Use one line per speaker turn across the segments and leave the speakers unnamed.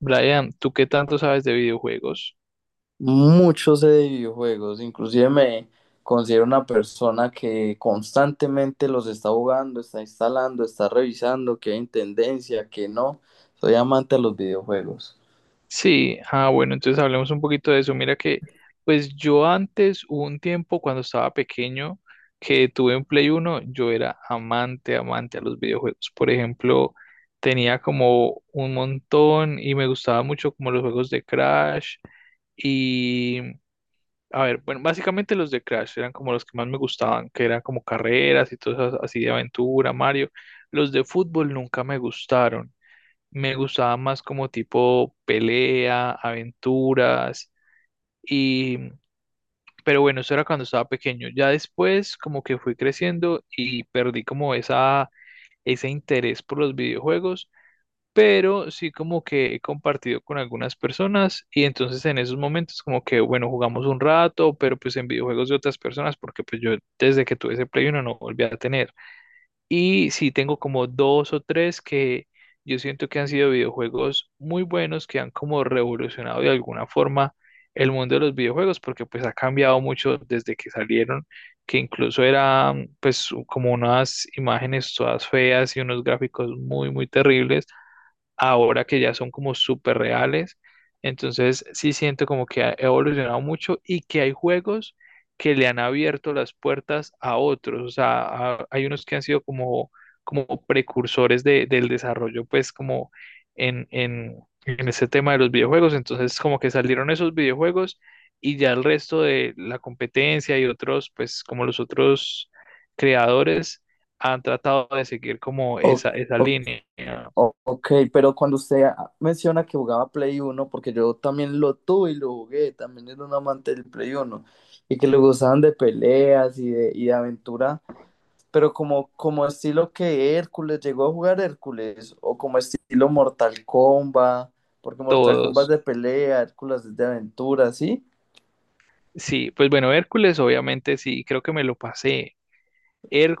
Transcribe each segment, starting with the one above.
Brian, ¿tú qué tanto sabes de videojuegos?
Mucho sé de videojuegos, inclusive me considero una persona que constantemente los está jugando, está instalando, está revisando, que hay en tendencia, que no. Soy amante de los videojuegos.
Sí, bueno, entonces hablemos un poquito de eso. Mira que, pues yo antes, hubo un tiempo cuando estaba pequeño, que tuve un Play uno, yo era amante, amante a los videojuegos. Por ejemplo, tenía como un montón y me gustaba mucho como los juegos de Crash y, a ver, bueno, básicamente los de Crash eran como los que más me gustaban, que eran como carreras y todo eso así de aventura, Mario. Los de fútbol nunca me gustaron. Me gustaba más como tipo pelea, aventuras y pero bueno, eso era cuando estaba pequeño. Ya después como que fui creciendo y perdí como esa ese interés por los videojuegos, pero sí como que he compartido con algunas personas y entonces en esos momentos como que bueno, jugamos un rato, pero pues en videojuegos de otras personas porque pues yo desde que tuve ese Play uno no volví a tener. Y sí, tengo como dos o tres que yo siento que han sido videojuegos muy buenos, que han como revolucionado de alguna forma el mundo de los videojuegos, porque pues ha cambiado mucho desde que salieron, que incluso eran pues como unas imágenes todas feas y unos gráficos muy terribles, ahora que ya son como súper reales. Entonces sí siento como que ha evolucionado mucho y que hay juegos que le han abierto las puertas a otros. O sea, hay unos que han sido como, como precursores del desarrollo, pues como en, en, en ese tema de los videojuegos. Entonces como que salieron esos videojuegos y ya el resto de la competencia y otros, pues como los otros creadores han tratado de seguir como
O-
esa
o-
línea,
ok, pero cuando usted menciona que jugaba Play Uno, porque yo también lo tuve y lo jugué, también era un amante del Play Uno y que le gustaban de peleas y de aventura, pero como estilo que Hércules, llegó a jugar Hércules, o como estilo Mortal Kombat, porque Mortal Kombat es
todos.
de pelea, Hércules es de aventura, ¿sí?
Sí, pues bueno, Hércules, obviamente sí, creo que me lo pasé.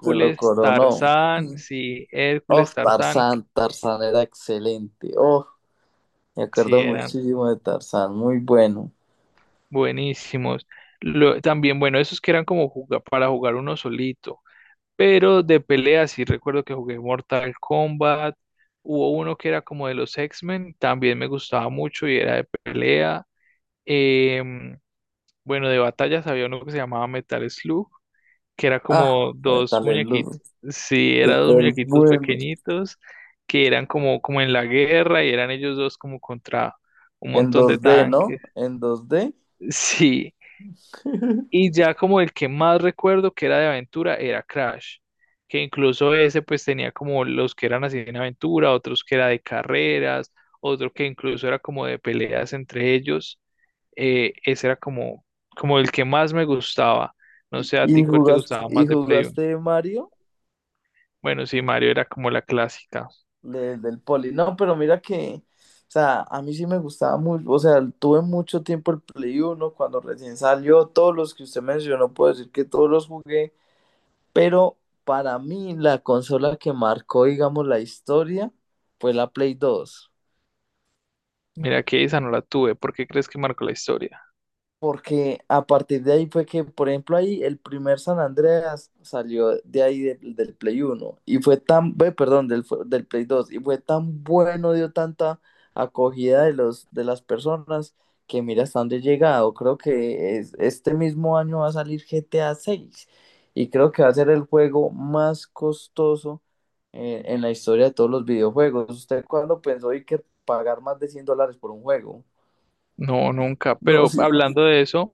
Se lo coronó. Mm. Oh,
Hércules, Tarzán,
Tarzán, Tarzán era excelente. Oh, me
sí,
acuerdo
eran
muchísimo de Tarzán, muy bueno.
buenísimos. También, bueno, esos que eran como para jugar uno solito, pero de pelea sí recuerdo que jugué Mortal Kombat. Hubo uno que era como de los X-Men, también me gustaba mucho y era de pelea. Em, bueno, de batallas había uno que se llamaba Metal Slug que era
Ah,
como dos
tal el ludo
muñequitos, sí, eran dos
súper
muñequitos
bueno.
pequeñitos que eran como, como en la guerra y eran ellos dos como contra un
En
montón de
2D, ¿no?
tanques,
En 2D.
sí. Y ya como el que más recuerdo que era de aventura era Crash, que incluso ese pues tenía como los que eran así en aventura, otros que era de carreras, otro que incluso era como de peleas entre ellos. Ese era como, como el que más me gustaba. No sé a ti cuál te gustaba
Y
más de Play.
jugaste Mario?
Bueno, sí, Mario era como la clásica.
De- del poli. No, pero mira que, o sea, a mí sí me gustaba mucho, o sea, tuve mucho tiempo el Play uno cuando recién salió, todos los que usted mencionó, puedo decir que todos los jugué, pero para mí la consola que marcó, digamos, la historia fue la Play dos
Mira que esa no la tuve. ¿Por qué crees que marcó la historia?
porque a partir de ahí fue que, por ejemplo, ahí el primer San Andreas salió de ahí del Play Uno y fue tan, ve, perdón, fu- del Play Dos y fue tan bueno, dio tanta acogida de de las personas que mira hasta dónde he llegado. Creo que es- este mismo año va a salir GTA 6 y creo que va a ser el juego más costoso en la historia de todos los videojuegos. ¿Usted cuándo pensó y que pagar más de $100 por un juego?
No, nunca.
No.
Pero hablando de eso,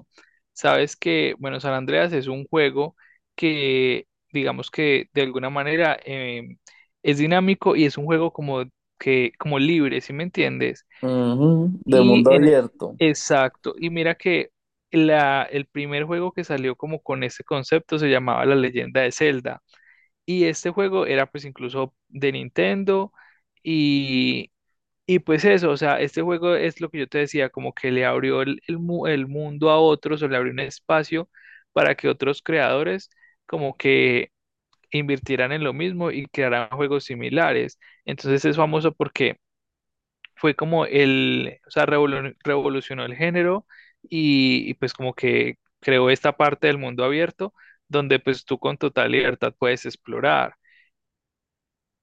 sabes que, bueno, San Andreas es un juego que, digamos que de alguna manera es dinámico y es un juego como que, como libre, ¿sí me entiendes?
Ujú, de mundo
Y en,
abierto.
exacto, y mira que la, el primer juego que salió como con este concepto se llamaba La Leyenda de Zelda. Y este juego era pues incluso de Nintendo y, y pues eso, o sea, este juego es lo que yo te decía, como que le abrió el, el mundo a otros o le abrió un espacio para que otros creadores como que invirtieran en lo mismo y crearan juegos similares. Entonces es famoso porque fue como el, o sea, revolucionó el género pues como que creó esta parte del mundo abierto donde pues tú con total libertad puedes explorar.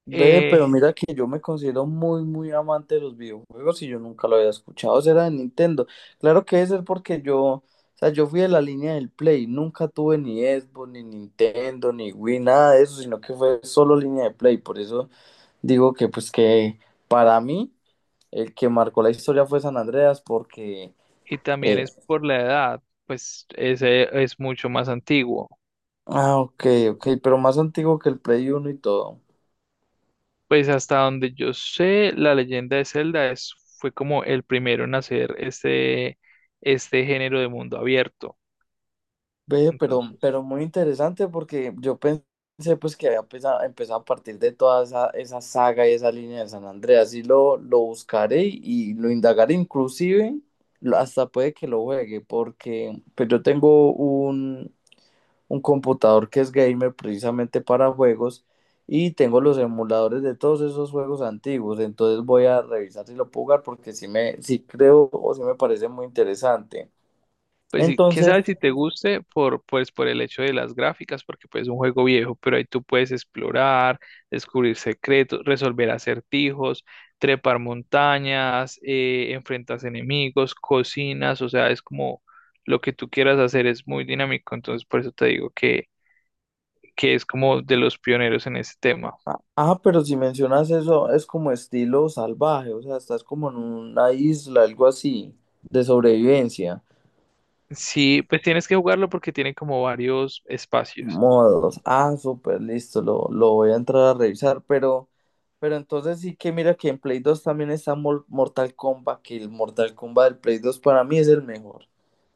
Ve,
Eh,
pero mira que yo me considero muy, muy amante de los videojuegos y yo nunca lo había escuchado. Será de Nintendo. Claro que debe ser porque yo, o sea, yo fui de la línea del Play. Nunca tuve ni Xbox, ni Nintendo, ni Wii, nada de eso, sino que fue solo línea de Play. Por eso digo que, pues, que para mí el que marcó la historia fue San Andreas porque.
y también
eh,
es por la edad, pues ese es mucho más antiguo.
ah, ok, ok, pero más antiguo que el Play Uno y todo.
Pues hasta donde yo sé, la leyenda de Zelda es, fue como el primero en hacer este, este género de mundo abierto.
Ve,
Entonces.
pero muy interesante porque yo pensé pues que había empezado a partir de toda esa saga y esa línea de San Andreas y lo buscaré y lo indagaré inclusive lo- hasta puede que lo juegue porque pues yo tengo un computador que es gamer precisamente para juegos y tengo los emuladores de todos esos juegos antiguos. Entonces voy a revisar si lo puedo jugar porque si me, sí creo o si me parece muy interesante.
Pues sí, quién
Entonces...
sabe si te guste por, pues, por el hecho de las gráficas, porque pues es un juego viejo, pero ahí tú puedes explorar, descubrir secretos, resolver acertijos, trepar montañas, enfrentas enemigos, cocinas, o sea, es como lo que tú quieras hacer es muy dinámico, entonces por eso te digo que es como de los pioneros en ese tema.
Ah, ah, pero si mencionas eso, es como estilo salvaje, o sea, estás como en una isla, algo así, de sobrevivencia.
Sí, pues tienes que jugarlo porque tiene como varios espacios.
Modos. Ah, súper, listo, lo voy a entrar a revisar, pero entonces sí que mira que en Play 2 también está Mor- Mortal Kombat, que el Mortal Kombat del Play 2 para mí es el mejor.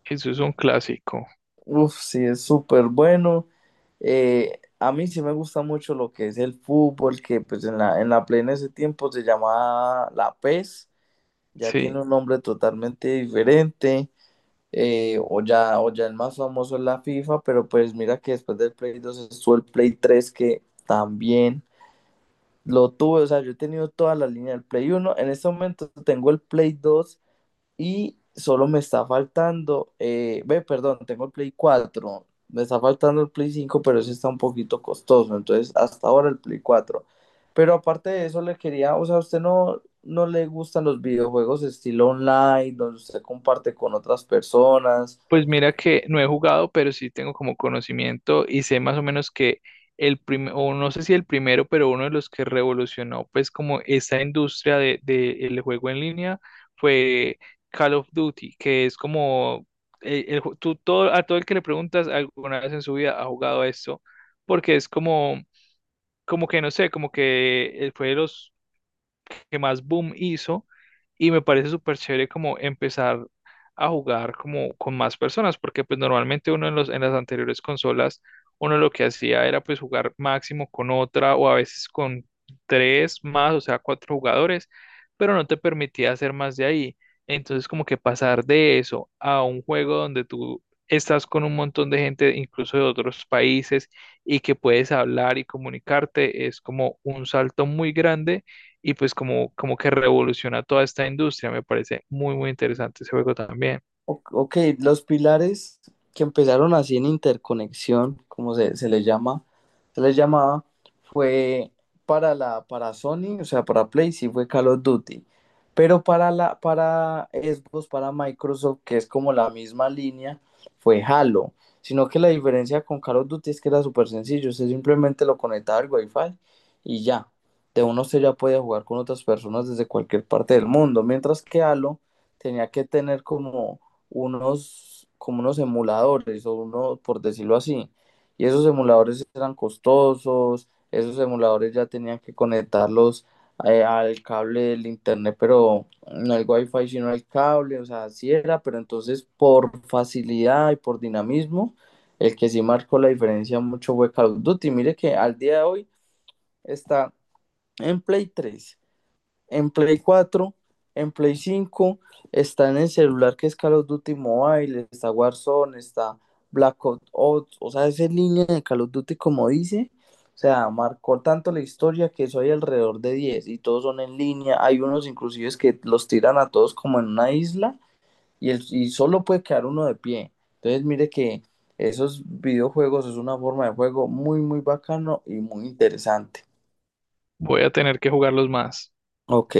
Eso es un clásico,
Uf, sí, es súper bueno. A mí sí me gusta mucho lo que es el fútbol, que pues en en la Play en ese tiempo se llamaba la PES, ya tiene
sí.
un nombre totalmente diferente. O ya el más famoso es la FIFA, pero pues mira que después del Play dos estuvo el Play tres que también lo tuve, o sea, yo he tenido toda la línea del Play uno. En este momento tengo el Play dos y solo me está faltando, ve, perdón, tengo el Play cuatro, me está faltando el Play cinco, pero ese está un poquito costoso, entonces hasta ahora el Play cuatro. Pero aparte de eso, le quería, o sea, ¿a usted no, no le gustan los videojuegos estilo online, donde usted comparte con otras personas?
Pues mira que no he jugado, pero sí tengo como conocimiento y sé más o menos que el primero, o no sé si el primero, pero uno de los que revolucionó pues como esa industria de el juego en línea fue Call of Duty, que es como tú todo, a todo el que le preguntas alguna vez en su vida ha jugado a esto, porque es como, como que no sé, como que fue de los que más boom hizo y me parece súper chévere como empezar a jugar como con más personas, porque pues normalmente uno en los, en las anteriores consolas, uno lo que hacía era pues jugar máximo con otra o a veces con tres más, o sea, cuatro jugadores, pero no te permitía hacer más de ahí. Entonces como que pasar de eso a un juego donde tú estás con un montón de gente, incluso de otros países, y que puedes hablar y comunicarte, es como un salto muy grande y pues como, como que revoluciona toda esta industria. Me parece muy interesante ese juego también.
Ok, los pilares que empezaron así en interconexión, como se les llama, se les llamaba, fue para para Sony, o sea, para Play, sí fue Call of Duty. Pero para para Xbox, para Microsoft, que es como la misma línea, fue Halo. Sino que la diferencia con Call of Duty es que era súper sencillo. Usted simplemente lo conectaba al Wi-Fi y ya. De uno usted ya podía jugar con otras personas desde cualquier parte del mundo. Mientras que Halo tenía que tener como como unos emuladores o uno, por decirlo así. Y esos emuladores eran costosos, esos emuladores ya tenían que conectarlos al cable del internet, pero no el wifi, sino el cable, o sea, así era, pero entonces por facilidad y por dinamismo, el que sí marcó la diferencia mucho fue Call of Duty. Mire que al día de hoy está en Play 3, en Play cuatro, en Play cinco, está en el celular que es Call of Duty Mobile, está Warzone, está Black Ops, o sea, es en línea de Call of Duty como dice. O sea, marcó tanto la historia que eso hay alrededor de 10 y todos son en línea. Hay unos inclusive que los tiran a todos como en una isla y, el, y solo puede quedar uno de pie. Entonces, mire que esos videojuegos es una forma de juego muy, muy bacano y muy interesante.
Voy a tener que jugarlos más.
Ok.